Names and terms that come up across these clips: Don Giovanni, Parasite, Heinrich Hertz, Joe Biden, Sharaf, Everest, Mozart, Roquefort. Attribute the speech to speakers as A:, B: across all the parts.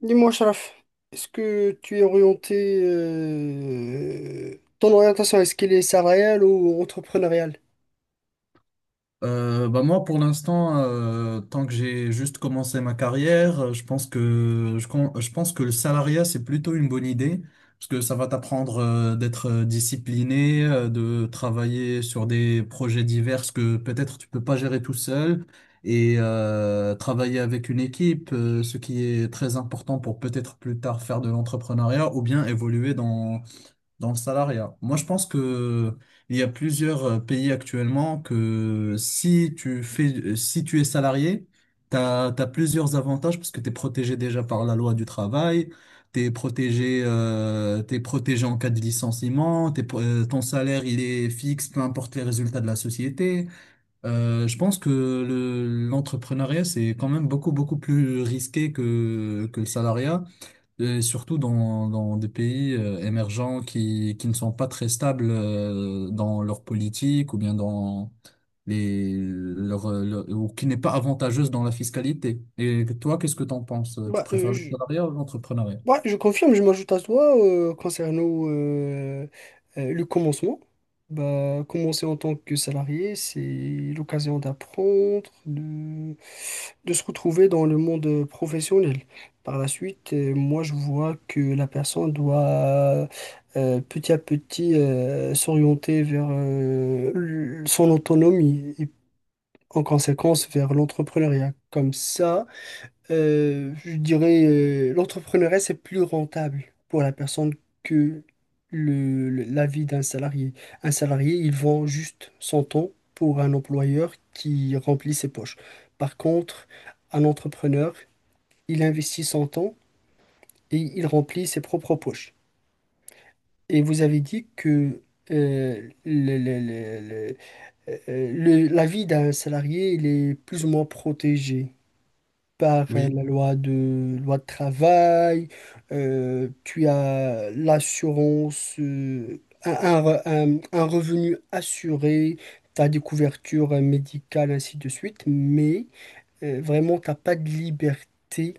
A: Dis-moi, Sharaf, est-ce que tu es orienté, ton orientation, est-ce qu'elle est salariale ou entrepreneuriale?
B: Bah moi, pour l'instant, tant que j'ai juste commencé ma carrière, je pense que je pense que le salariat, c'est plutôt une bonne idée, parce que ça va t'apprendre d'être discipliné, de travailler sur des projets divers que peut-être tu peux pas gérer tout seul, et travailler avec une équipe, ce qui est très important pour peut-être plus tard faire de l'entrepreneuriat ou bien évoluer dans le salariat. Moi, je pense que il y a plusieurs pays actuellement que si tu es salarié, t'as plusieurs avantages parce que t'es protégé déjà par la loi du travail, t'es protégé en cas de licenciement, ton salaire il est fixe, peu importe les résultats de la société. Je pense que l'entrepreneuriat c'est quand même beaucoup beaucoup plus risqué que le salariat. Et surtout dans des pays émergents qui ne sont pas très stables dans leur politique ou bien dans ou qui n'est pas avantageuse dans la fiscalité. Et toi, qu'est-ce que tu en penses? Tu
A: Bah, euh,
B: préfères le
A: je,
B: salariat ou l'entrepreneuriat?
A: Ouais, je confirme, je m'ajoute à toi concernant le commencement. Bah, commencer en tant que salarié, c'est l'occasion d'apprendre, de se retrouver dans le monde professionnel. Par la suite, moi, je vois que la personne doit petit à petit s'orienter vers son autonomie et en conséquence vers l'entrepreneuriat. Comme ça, je dirais, l'entrepreneuriat, c'est plus rentable pour la personne que la vie d'un salarié. Un salarié, il vend juste son temps pour un employeur qui remplit ses poches. Par contre, un entrepreneur, il investit son temps et il remplit ses propres poches. Et vous avez dit que euh, le- le- le- le- la vie d'un salarié, il est plus ou moins protégé par
B: Oui,
A: loi de travail, tu as l'assurance, un revenu assuré, tu as des couvertures médicales, ainsi de suite, mais vraiment, tu n'as pas de liberté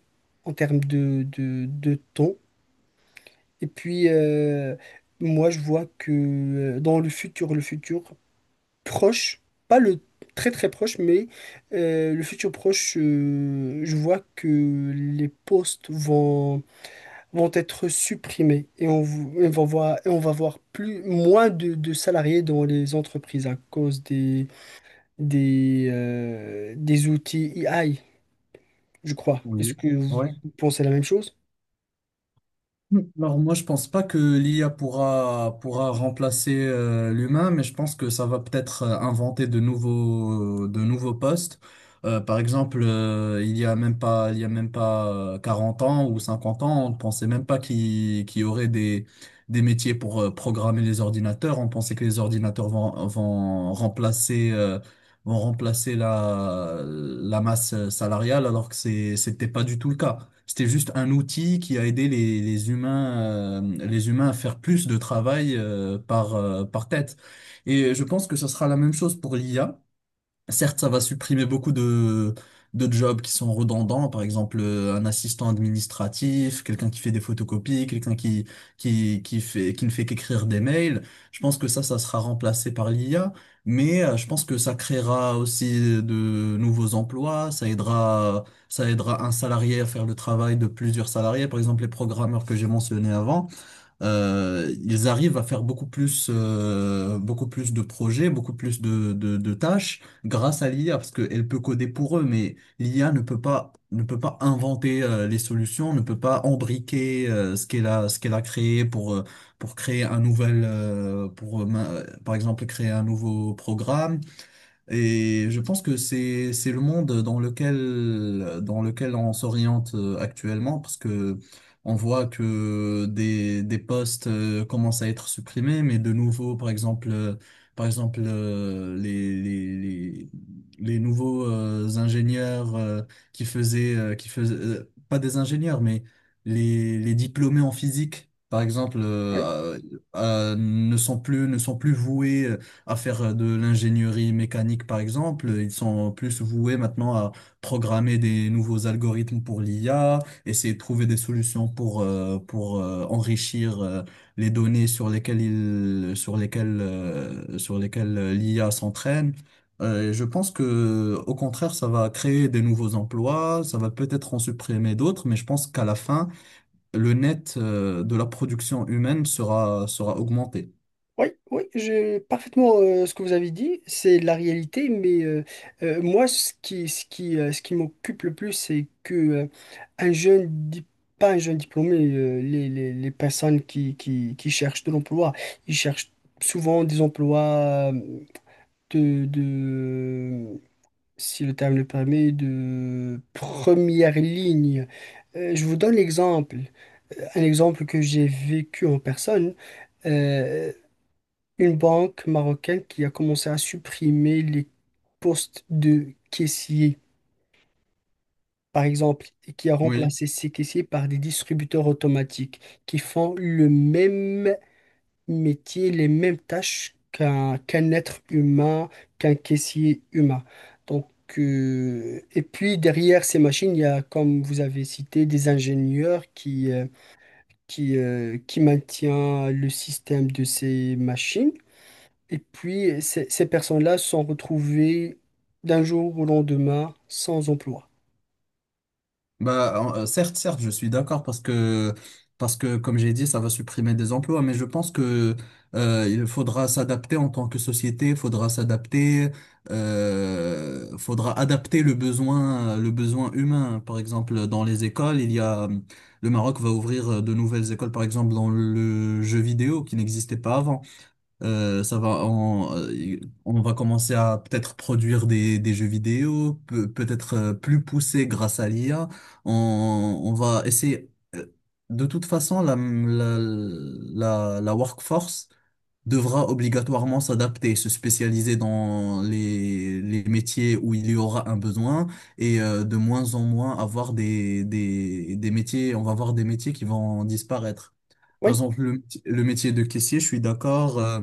A: en termes de temps. Et puis, moi, je vois que dans le futur, proche, pas le très très proche, mais le futur proche, je vois que les postes vont être supprimés et on va voir plus, moins de salariés dans les entreprises à cause des outils AI, je crois. Est-ce
B: oui.
A: que vous
B: Ouais.
A: pensez la même chose?
B: Alors moi je pense pas que l'IA pourra remplacer l'humain, mais je pense que ça va peut-être inventer de nouveaux postes. Par exemple, il y a même pas il y a même pas 40 ans ou 50 ans, on ne pensait même pas qu'il y aurait des métiers pour programmer les ordinateurs. On pensait que les ordinateurs vont remplacer la masse salariale, alors que c'était pas du tout le cas. C'était juste un outil qui a aidé les humains à faire plus de travail par tête. Et je pense que ce sera la même chose pour l'IA. Certes, ça va supprimer beaucoup de jobs qui sont redondants, par exemple un assistant administratif, quelqu'un qui fait des photocopies, quelqu'un qui ne fait qu'écrire des mails. Je pense que ça sera remplacé par l'IA, mais je pense que ça créera aussi de nouveaux emplois, ça aidera un salarié à faire le travail de plusieurs salariés, par exemple les programmeurs que j'ai mentionnés avant ils arrivent à faire beaucoup plus de projets, beaucoup plus de tâches grâce à l'IA, parce qu'elle peut coder pour eux, mais l'IA ne peut pas inventer les solutions, ne peut pas embriquer ce qu'elle a créé pour créer un nouvel, pour, ma- par exemple, créer un nouveau programme et je pense que c'est le monde dans lequel on s'oriente actuellement parce que on voit que des postes commencent à être supprimés mais de nouveau par exemple les nouveaux ingénieurs qui faisaient pas des ingénieurs mais les diplômés en physique par exemple ne sont plus voués à faire de l'ingénierie mécanique, par exemple. Ils sont plus voués maintenant à programmer des nouveaux algorithmes pour l'IA, essayer de trouver des solutions pour enrichir les données sur lesquelles ils sur lesquelles, sur lesquelles l'IA s'entraîne. Et je pense que, au contraire, ça va créer des nouveaux emplois, ça va peut-être en supprimer d'autres, mais je pense qu'à la fin, le net, de la production humaine sera augmenté.
A: Oui, oui, j'ai parfaitement ce que vous avez dit, c'est la réalité, mais moi, ce qui m'occupe le plus, c'est que un jeune, dip- pas un jeune diplômé, les personnes qui cherchent de l'emploi, ils cherchent souvent des emplois de, de, si le terme le permet, de première ligne. Je vous donne l'exemple, un exemple que j'ai vécu en personne. euh, une banque marocaine qui a commencé à supprimer les postes de caissiers, par exemple, et qui a
B: Oui.
A: remplacé ces caissiers par des distributeurs automatiques qui font le même métier, les mêmes tâches qu'un être humain, qu'un caissier humain. Donc, et puis derrière ces machines, il y a, comme vous avez cité, des ingénieurs qui maintiennent le système de ces machines. Et puis, ces personnes-là se sont retrouvées d'un jour au lendemain sans emploi.
B: Bah, certes, je suis d'accord parce que, comme j'ai dit, ça va supprimer des emplois, mais je pense que, il faudra s'adapter en tant que société, faudra adapter le besoin humain. Par exemple, dans les écoles, le Maroc va ouvrir de nouvelles écoles, par exemple, dans le jeu vidéo qui n'existait pas avant. Euh, ça va, on, euh, on va commencer à peut-être produire des jeux vidéo, peut-être plus poussés grâce à l'IA. On, on va essayer. euh, De toute façon, la workforce, devra obligatoirement s'adapter, se spécialiser dans les métiers où il y aura un besoin et de moins en moins avoir des métiers, on va avoir des métiers qui vont disparaître. Par
A: Oui,
B: exemple, le métier de caissier, je suis d'accord, euh,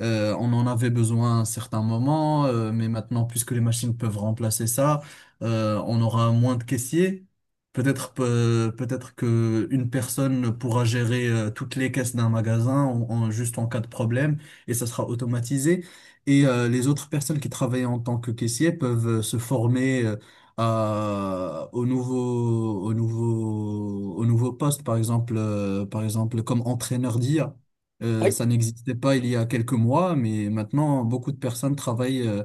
B: euh, on en avait besoin à un certain moment, mais maintenant, puisque les machines peuvent remplacer ça, on aura moins de caissiers. Peut-être que une personne pourra gérer toutes les caisses d'un magasin juste en cas de problème et ça sera automatisé. Et les autres personnes qui travaillent en tant que caissier peuvent se former à, au nouveau au nouveau au nouveau poste par exemple comme entraîneur d'IA.
A: oui,
B: Ça n'existait pas il y a quelques mois, mais maintenant beaucoup de personnes travaillent euh,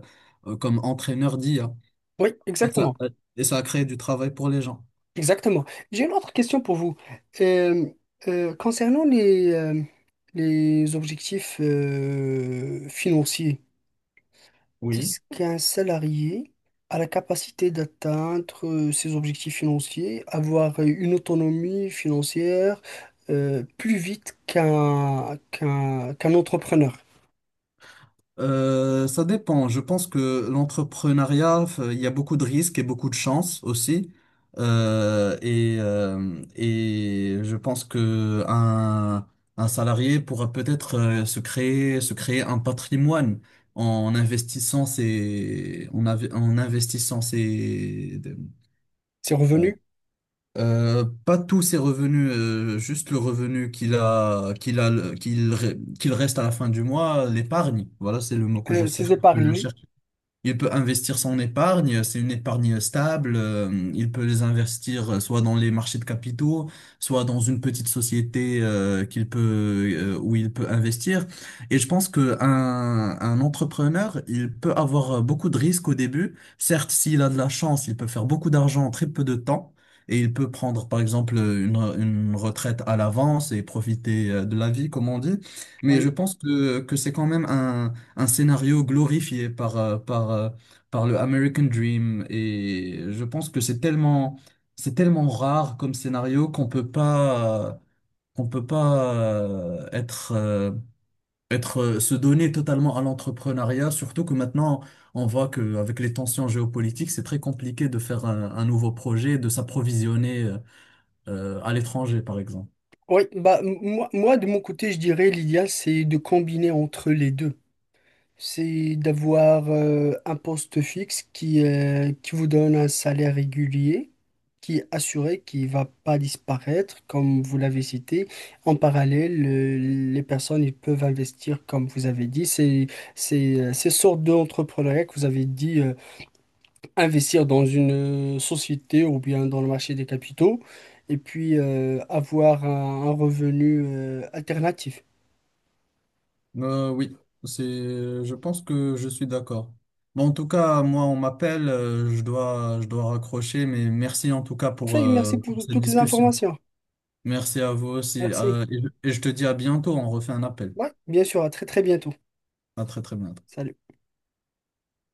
B: euh, comme entraîneur d'IA.
A: oui,
B: Et ça,
A: exactement.
B: et ça a créé du travail pour les gens.
A: Exactement. J'ai une autre question pour vous. Euh, concernant les objectifs financiers,
B: Oui.
A: est-ce qu'un salarié a la capacité d'atteindre ses objectifs financiers, avoir une autonomie financière plus vite qu'un entrepreneur?
B: Ça dépend. Je pense que l'entrepreneuriat, il y a beaucoup de risques et beaucoup de chances aussi. Et je pense que un salarié pourra peut-être se créer un patrimoine en investissant ses, en, av- en investissant ses,
A: C'est revenu?
B: pas tous ses revenus, juste le revenu qu'il a, qu'il a, qu'il, re- qu'il reste à la fin du mois, l'épargne. Voilà, c'est le mot que je
A: Ces
B: cherche.
A: épargnés,
B: Il peut investir son épargne, c'est une épargne stable, il peut les investir soit dans les marchés de capitaux, soit dans une petite société qu'il peut où il peut investir. Et je pense que un entrepreneur, il peut avoir beaucoup de risques au début. Certes, s'il a de la chance, il peut faire beaucoup d'argent en très peu de temps. Et il peut prendre, par exemple, une retraite à l'avance et profiter de la vie, comme on dit. Mais je
A: oui.
B: pense que c'est quand même un scénario glorifié par le American Dream. Et je pense que c'est tellement rare comme scénario qu'on peut pas se donner totalement à l'entrepreneuriat, surtout que maintenant, on voit qu'avec les tensions géopolitiques, c'est très compliqué de faire un nouveau projet, de s'approvisionner à l'étranger, par exemple.
A: Oui, bah, moi, moi, de mon côté, je dirais l'idéal, c'est de combiner entre les deux. C'est d'avoir un poste fixe qui vous donne un salaire régulier, qui est assuré, qui ne va pas disparaître, comme vous l'avez cité. En parallèle, les personnes ils peuvent investir, comme vous avez dit. Ces sortes d'entrepreneuriat que vous avez dit. Investir dans une société ou bien dans le marché des capitaux et puis avoir un revenu alternatif.
B: Oui, c'est, je pense que je suis d'accord. Bon, en tout cas, moi, on m'appelle, je dois raccrocher, mais merci en tout cas
A: Enfin,
B: pour,
A: merci
B: euh, pour
A: pour
B: cette
A: toutes les
B: discussion.
A: informations.
B: Merci à vous aussi,
A: Merci.
B: et je te dis à bientôt, on refait un appel.
A: Ouais, bien sûr, à très très bientôt.
B: À très très bientôt.
A: Salut.